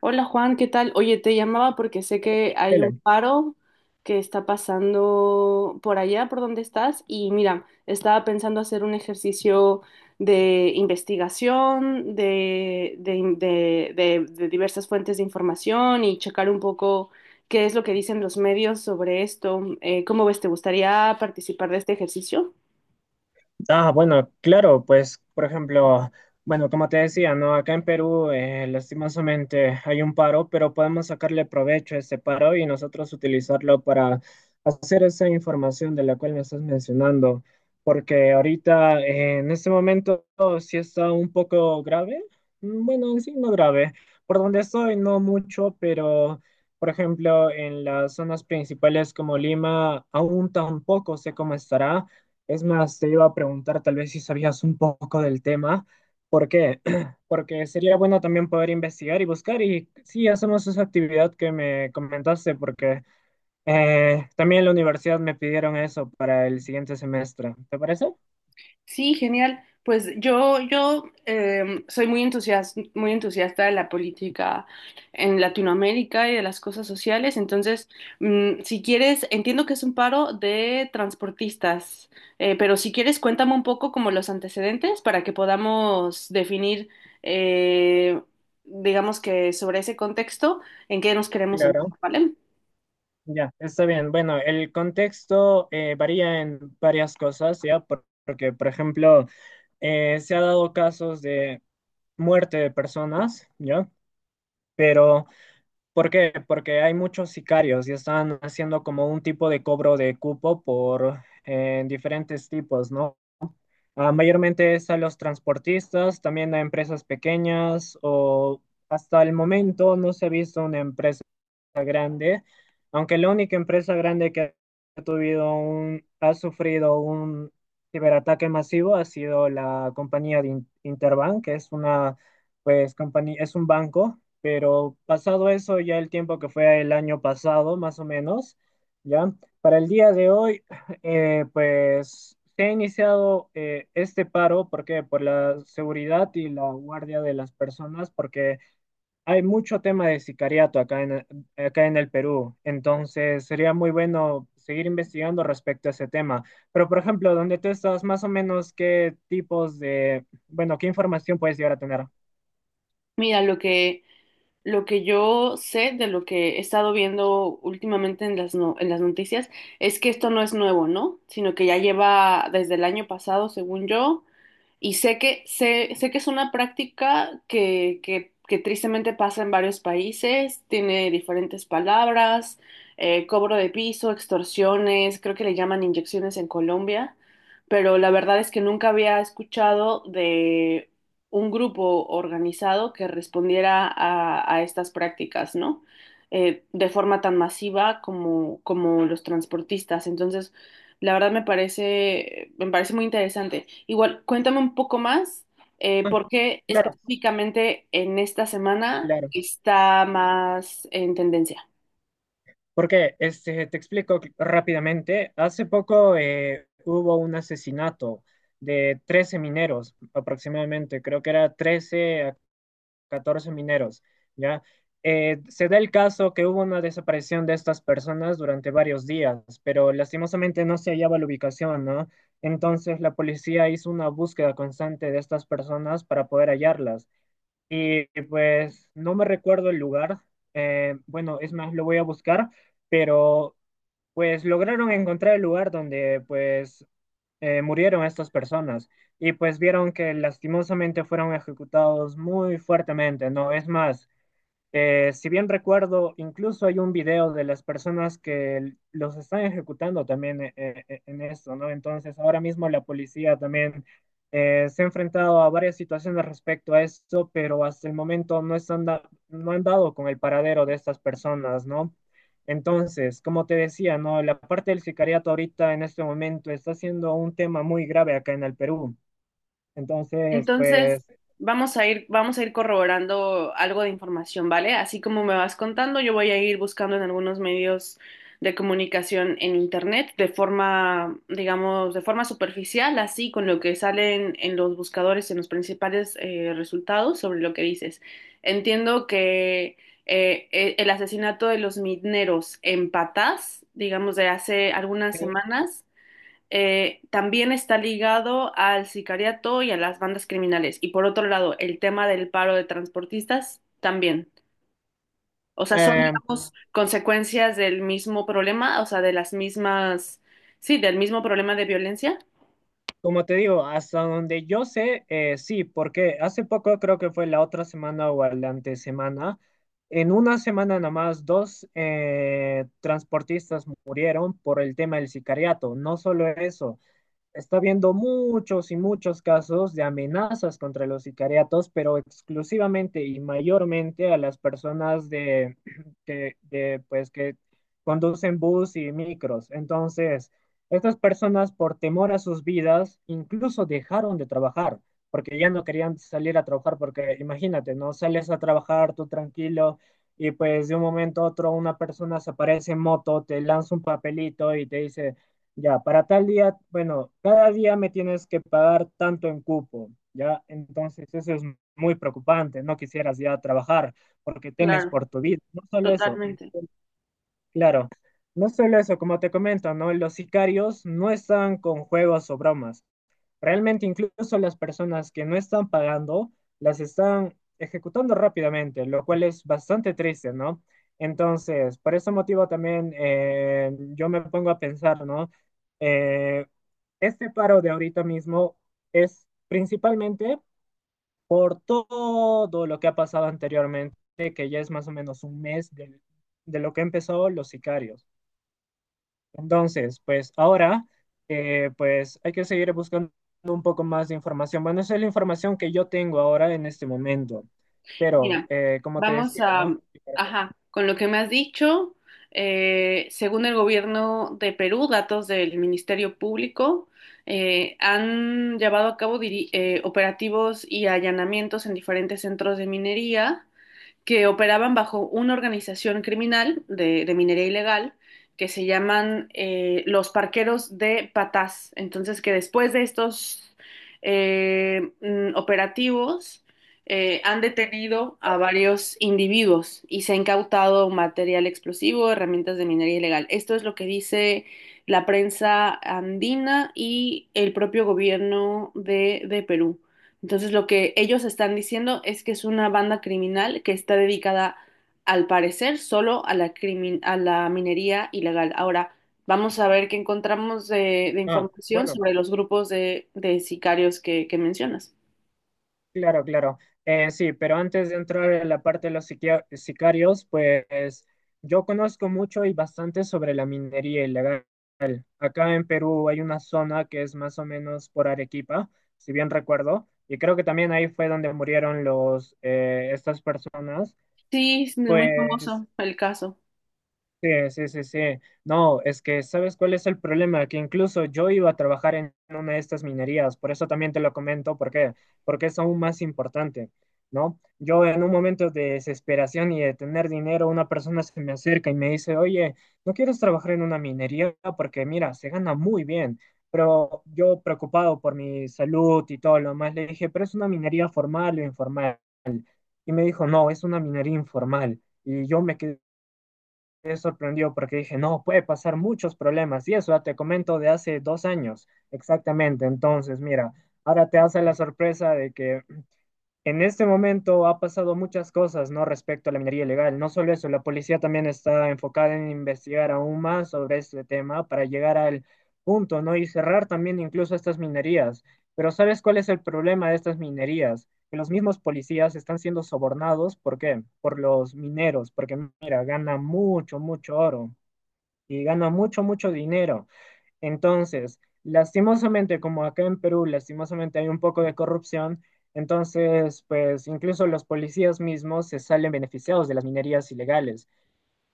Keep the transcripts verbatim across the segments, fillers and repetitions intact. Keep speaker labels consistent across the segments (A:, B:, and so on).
A: Hola Juan, ¿qué tal? Oye, te llamaba porque sé que hay un
B: Velan.
A: paro que está pasando por allá, por donde estás, y mira, estaba pensando hacer un ejercicio de investigación, de, de, de- de- de diversas fuentes de información y checar un poco qué es lo que dicen los medios sobre esto. Eh, ¿cómo ves? ¿Te gustaría participar de este ejercicio?
B: Ah, bueno, claro, pues, por ejemplo, bueno, como te decía, ¿no? Acá en Perú, eh, lastimosamente hay un paro, pero podemos sacarle provecho a ese paro y nosotros utilizarlo para hacer esa información de la cual me estás mencionando, porque ahorita, eh, en este momento, sí está un poco grave. Mm, Bueno, en sí no grave. Por donde estoy, no mucho, pero... Por ejemplo, en las zonas principales como Lima, aún tampoco sé cómo estará. Es más, te iba a preguntar tal vez si sabías un poco del tema. ¿Por qué? Porque sería bueno también poder investigar y buscar. Y sí, hacemos esa actividad que me comentaste, porque eh, también en la universidad me pidieron eso para el siguiente semestre. ¿Te parece?
A: Sí, genial. Pues yo, yo em, soy muy entusiasta, muy entusiasta de la política en Latinoamérica y de las cosas sociales. Entonces, mm, si quieres, entiendo que es un paro de transportistas, eh, pero si quieres, cuéntame un poco como los antecedentes para que podamos definir, eh, digamos que sobre ese contexto, en qué nos queremos
B: Claro.
A: enfocar, ¿vale?
B: Ya, está bien. Bueno, el contexto eh, varía en varias cosas, ¿ya? Por- Porque, por ejemplo, eh, se ha dado casos de muerte de personas, ¿ya? Pero ¿por qué? Porque hay muchos sicarios y están haciendo como un tipo de cobro de cupo por eh, diferentes tipos, ¿no? Ah, mayormente es a los transportistas, también a empresas pequeñas o hasta el momento no se ha visto una empresa grande, aunque la única empresa grande que ha tuvido un, ha sufrido un ciberataque masivo ha sido la compañía de In- Interbank, que es una, pues, compañía, es un banco. Pero pasado eso, ya el tiempo que fue el año pasado, más o menos, ya, para el día de hoy, eh, pues, se ha iniciado eh, este paro, ¿por qué? Por la seguridad y la guardia de las personas, porque hay mucho tema de sicariato acá en, acá en el Perú. Entonces sería muy bueno seguir investigando respecto a ese tema. Pero, por ejemplo, donde tú estás, más o menos, ¿qué tipos de, bueno, qué información puedes llegar a tener?
A: Mira, lo que lo que yo sé de lo que he estado viendo últimamente en las, no- en las noticias es que esto no es nuevo, ¿no? Sino que ya lleva desde el año pasado, según yo, y sé que, sé, sé que es una práctica que, que, que tristemente pasa en varios países, tiene diferentes palabras, eh, cobro de piso, extorsiones, creo que le llaman inyecciones en Colombia, pero la verdad es que nunca había escuchado de un grupo organizado que respondiera a, a estas prácticas, ¿no? Eh, de forma tan masiva como, como los transportistas. Entonces, la verdad me parece, me parece muy interesante. Igual, cuéntame un poco más eh,
B: Ah,
A: por qué
B: claro,
A: específicamente en esta semana
B: claro.
A: está más en tendencia.
B: Porque este, te explico cl- rápidamente. Hace poco eh, hubo un asesinato de trece mineros, aproximadamente. Creo que era trece, catorce mineros, ¿ya? Eh, se da el caso que hubo una desaparición de estas personas durante varios días, pero lastimosamente no se hallaba la ubicación, ¿no? Entonces la policía hizo una búsqueda constante de estas personas para poder hallarlas. Y pues no me recuerdo el lugar, eh, bueno, es más, lo voy a buscar, pero pues lograron encontrar el lugar donde pues eh, murieron estas personas, y pues vieron que lastimosamente fueron ejecutados muy fuertemente, ¿no? Es más, eh, si bien recuerdo, incluso hay un video de las personas que los están ejecutando también eh, eh, eh, en esto, ¿no? Entonces, ahora mismo la policía también eh, se ha enfrentado a varias situaciones respecto a esto, pero hasta el momento no están da- no han dado con el paradero de estas personas, ¿no? Entonces, como te decía, ¿no? La parte del sicariato ahorita en este momento está siendo un tema muy grave acá en el Perú. Entonces,
A: Entonces,
B: pues,
A: vamos a ir, vamos a ir corroborando algo de información, ¿vale? Así como me vas contando, yo voy a ir buscando en algunos medios de comunicación en internet de forma, digamos, de forma superficial, así con lo que salen en los buscadores, en los principales eh, resultados sobre lo que dices. Entiendo que eh, eh, el asesinato de los mineros en Patás, digamos, de hace algunas
B: sí,
A: semanas eh, también está ligado al sicariato y a las bandas criminales. Y por otro lado, el tema del paro de transportistas también. O sea, son,
B: eh,
A: digamos, consecuencias del mismo problema, o sea, de las mismas, sí, del mismo problema de violencia.
B: como te digo, hasta donde yo sé, eh, sí, porque hace poco creo que fue la otra semana o la antesemana, en una semana nada más dos eh, transportistas murieron por el tema del sicariato. No solo eso, está habiendo muchos y muchos casos de amenazas contra los sicariatos, pero exclusivamente y mayormente a las personas de, que, de, pues, que conducen bus y micros. Entonces, estas personas, por temor a sus vidas, incluso dejaron de trabajar, porque ya no querían salir a trabajar, porque imagínate, ¿no? Sales a trabajar tú tranquilo y pues de un momento a otro una persona se aparece en moto, te lanza un papelito y te dice ya, para tal día, bueno, cada día me tienes que pagar tanto en cupo, ¿ya? Entonces eso es muy preocupante, no quisieras ya trabajar porque temes
A: Claro,
B: por tu vida. No solo eso,
A: totalmente.
B: claro, no solo eso, como te comento, ¿no? Los sicarios no están con juegos o bromas. Realmente incluso las personas que no están pagando las están ejecutando rápidamente, lo cual es bastante triste, ¿no? Entonces, por ese motivo también eh, yo me pongo a pensar, ¿no? Eh, este paro de ahorita mismo es principalmente por todo lo que ha pasado anteriormente, que ya es más o menos un mes de, de lo que empezó los sicarios. Entonces, pues ahora, eh, pues hay que seguir buscando un poco más de información. Bueno, esa es la información que yo tengo ahora en este momento. Pero,
A: Mira,
B: eh, como te
A: vamos
B: decía,
A: a,
B: ¿no?
A: ajá, con lo que me has dicho, eh, según el gobierno de Perú, datos del Ministerio Público, eh, han llevado a cabo diri- eh, operativos y allanamientos en diferentes centros de minería que operaban bajo una organización criminal de, de minería ilegal que se llaman eh, los parqueros de Patás. Entonces, que después de estos eh, mm, operativos eh, han detenido a varios individuos y se ha incautado material explosivo, herramientas de minería ilegal. Esto es lo que dice la prensa andina y el propio gobierno de, de Perú. Entonces lo que ellos están diciendo es que es una banda criminal que está dedicada, al parecer, solo a la, crimin- a la minería ilegal. Ahora, vamos a ver qué encontramos de, de
B: Ah,
A: información
B: bueno,
A: sobre los grupos de, de sicarios que, que mencionas.
B: claro, claro. Eh, sí, pero antes de entrar en la parte de los siquia- sicarios, pues yo conozco mucho y bastante sobre la minería ilegal. Acá en Perú hay una zona que es más o menos por Arequipa, si bien recuerdo, y creo que también ahí fue donde murieron los, eh, estas personas.
A: Sí, es muy
B: Pues.
A: famoso el caso.
B: Sí, sí, sí, sí. No, es que ¿sabes cuál es el problema? Que incluso yo iba a trabajar en una de estas minerías, por eso también te lo comento, ¿por qué? Porque es aún más importante, ¿no? Yo en un momento de desesperación y de tener dinero, una persona se me acerca y me dice, oye, ¿no quieres trabajar en una minería? Porque mira, se gana muy bien, pero yo preocupado por mi salud y todo lo demás le dije, pero es una minería formal o informal. Y me dijo, no, es una minería informal. Y yo me quedé me sorprendió porque dije, no, puede pasar muchos problemas. Y eso ya te comento de hace dos años, exactamente. Entonces, mira, ahora te hace la sorpresa de que en este momento ha pasado muchas cosas, ¿no? Respecto a la minería ilegal. No solo eso, la policía también está enfocada en investigar aún más sobre este tema para llegar al punto, ¿no? Y cerrar también incluso estas minerías. Pero ¿sabes cuál es el problema de estas minerías? Que los mismos policías están siendo sobornados, ¿por qué? Por los mineros, porque mira, ganan mucho, mucho oro y ganan mucho, mucho dinero. Entonces, lastimosamente, como acá en Perú, lastimosamente hay un poco de corrupción, entonces, pues incluso los policías mismos se salen beneficiados de las minerías ilegales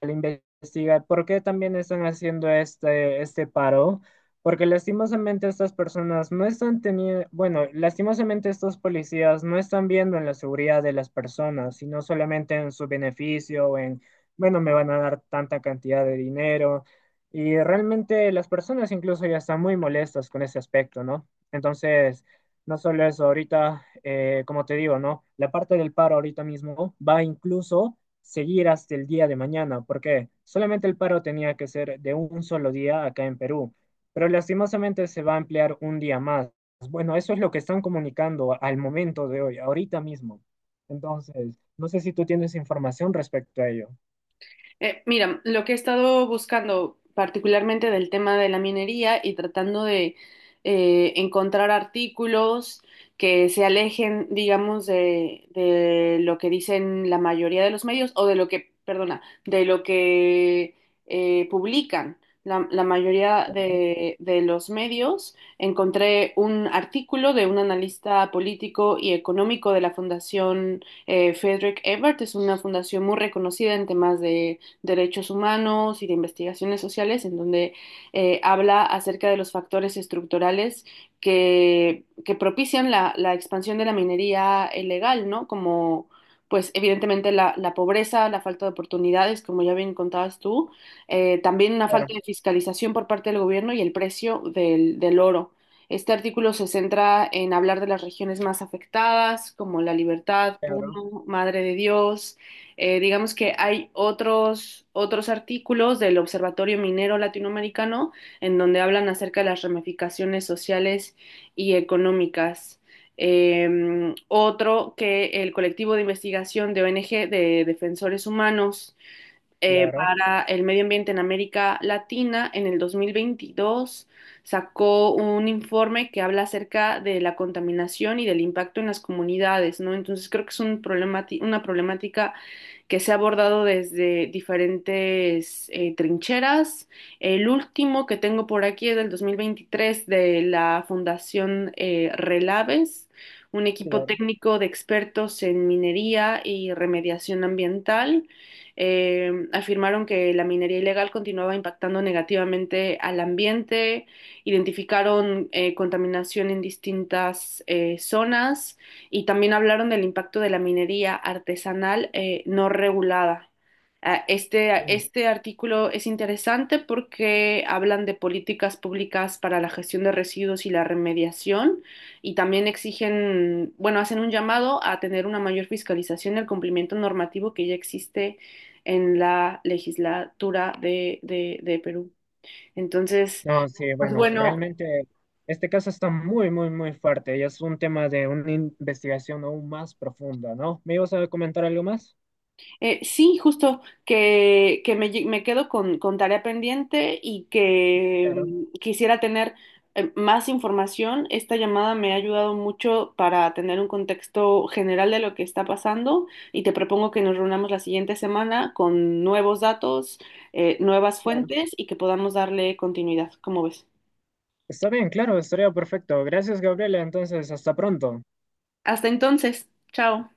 B: al investigar por qué también están haciendo este, este paro, porque lastimosamente estas personas no están teniendo, bueno, lastimosamente estos policías no están viendo en la seguridad de las personas, sino solamente en su beneficio, o en, bueno, me van a dar tanta cantidad de dinero. Y realmente las personas incluso ya están muy molestas con ese aspecto, ¿no? Entonces, no solo eso, ahorita, eh, como te digo, ¿no? La parte del paro ahorita mismo va incluso seguir hasta el día de mañana, porque solamente el paro tenía que ser de un solo día acá en Perú, pero lastimosamente se va a ampliar un día más. Bueno, eso es lo que están comunicando al momento de hoy, ahorita mismo. Entonces, no sé si tú tienes información respecto a ello.
A: Eh, mira, lo que he estado buscando particularmente del tema de la minería y tratando de eh, encontrar artículos que se alejen, digamos, de, de lo que dicen la mayoría de los medios o de lo que, perdona, de lo que eh, publican la, la mayoría de, de los medios. Encontré un artículo de un analista político y económico de la Fundación eh, Frederick Ebert. Es una fundación muy reconocida en temas de derechos humanos y de investigaciones sociales, en donde eh, habla acerca de los factores estructurales que, que propician la, la expansión de la minería ilegal, ¿no? Como, pues evidentemente la, la pobreza, la falta de oportunidades, como ya bien contabas tú, eh, también una
B: Claro,
A: falta de fiscalización por parte del gobierno y el precio del, del oro. Este artículo se centra en hablar de las regiones más afectadas, como La Libertad,
B: claro,
A: Puno, Madre de Dios, eh, digamos que hay otros, otros artículos del Observatorio Minero Latinoamericano en donde hablan acerca de las ramificaciones sociales y económicas. Eh, otro que el colectivo de investigación de O N G de Defensores Humanos eh,
B: claro,
A: para el Medio Ambiente en América Latina en el dos mil veintidós sacó un informe que habla acerca de la contaminación y del impacto en las comunidades, ¿no? Entonces creo que es un problemati- una problemática que se ha abordado desde diferentes eh, trincheras. El último que tengo por aquí es del dos mil veintitrés de la Fundación eh, Relaves, un equipo
B: claro.
A: técnico de expertos en minería y remediación ambiental. Eh, afirmaron que la minería ilegal continuaba impactando negativamente al ambiente, identificaron eh, contaminación en distintas eh, zonas y también hablaron del impacto de la minería artesanal eh, no regulada. Ah, Este, ah,
B: Dime.
A: este artículo es interesante porque hablan de políticas públicas para la gestión de residuos y la remediación y también exigen, bueno, hacen un llamado a tener una mayor fiscalización del cumplimiento normativo que ya existe en la legislatura de, de de Perú. Entonces,
B: No, sí,
A: pues
B: bueno,
A: bueno,
B: realmente este caso está muy, muy, muy fuerte y es un tema de una investigación aún más profunda, ¿no? ¿Me ibas a comentar algo más?
A: Eh, sí, justo que, que me, lle- me quedo con, con tarea pendiente y que
B: Claro,
A: mm, quisiera tener eh, más información. Esta llamada me ha ayudado mucho para tener un contexto general de lo que está pasando y te propongo que nos reunamos la siguiente semana con nuevos datos, eh, nuevas
B: claro.
A: fuentes y que podamos darle continuidad. ¿Cómo ves?
B: Está bien, claro, estaría perfecto. Gracias, Gabriela. Entonces, hasta pronto.
A: Hasta entonces, chao.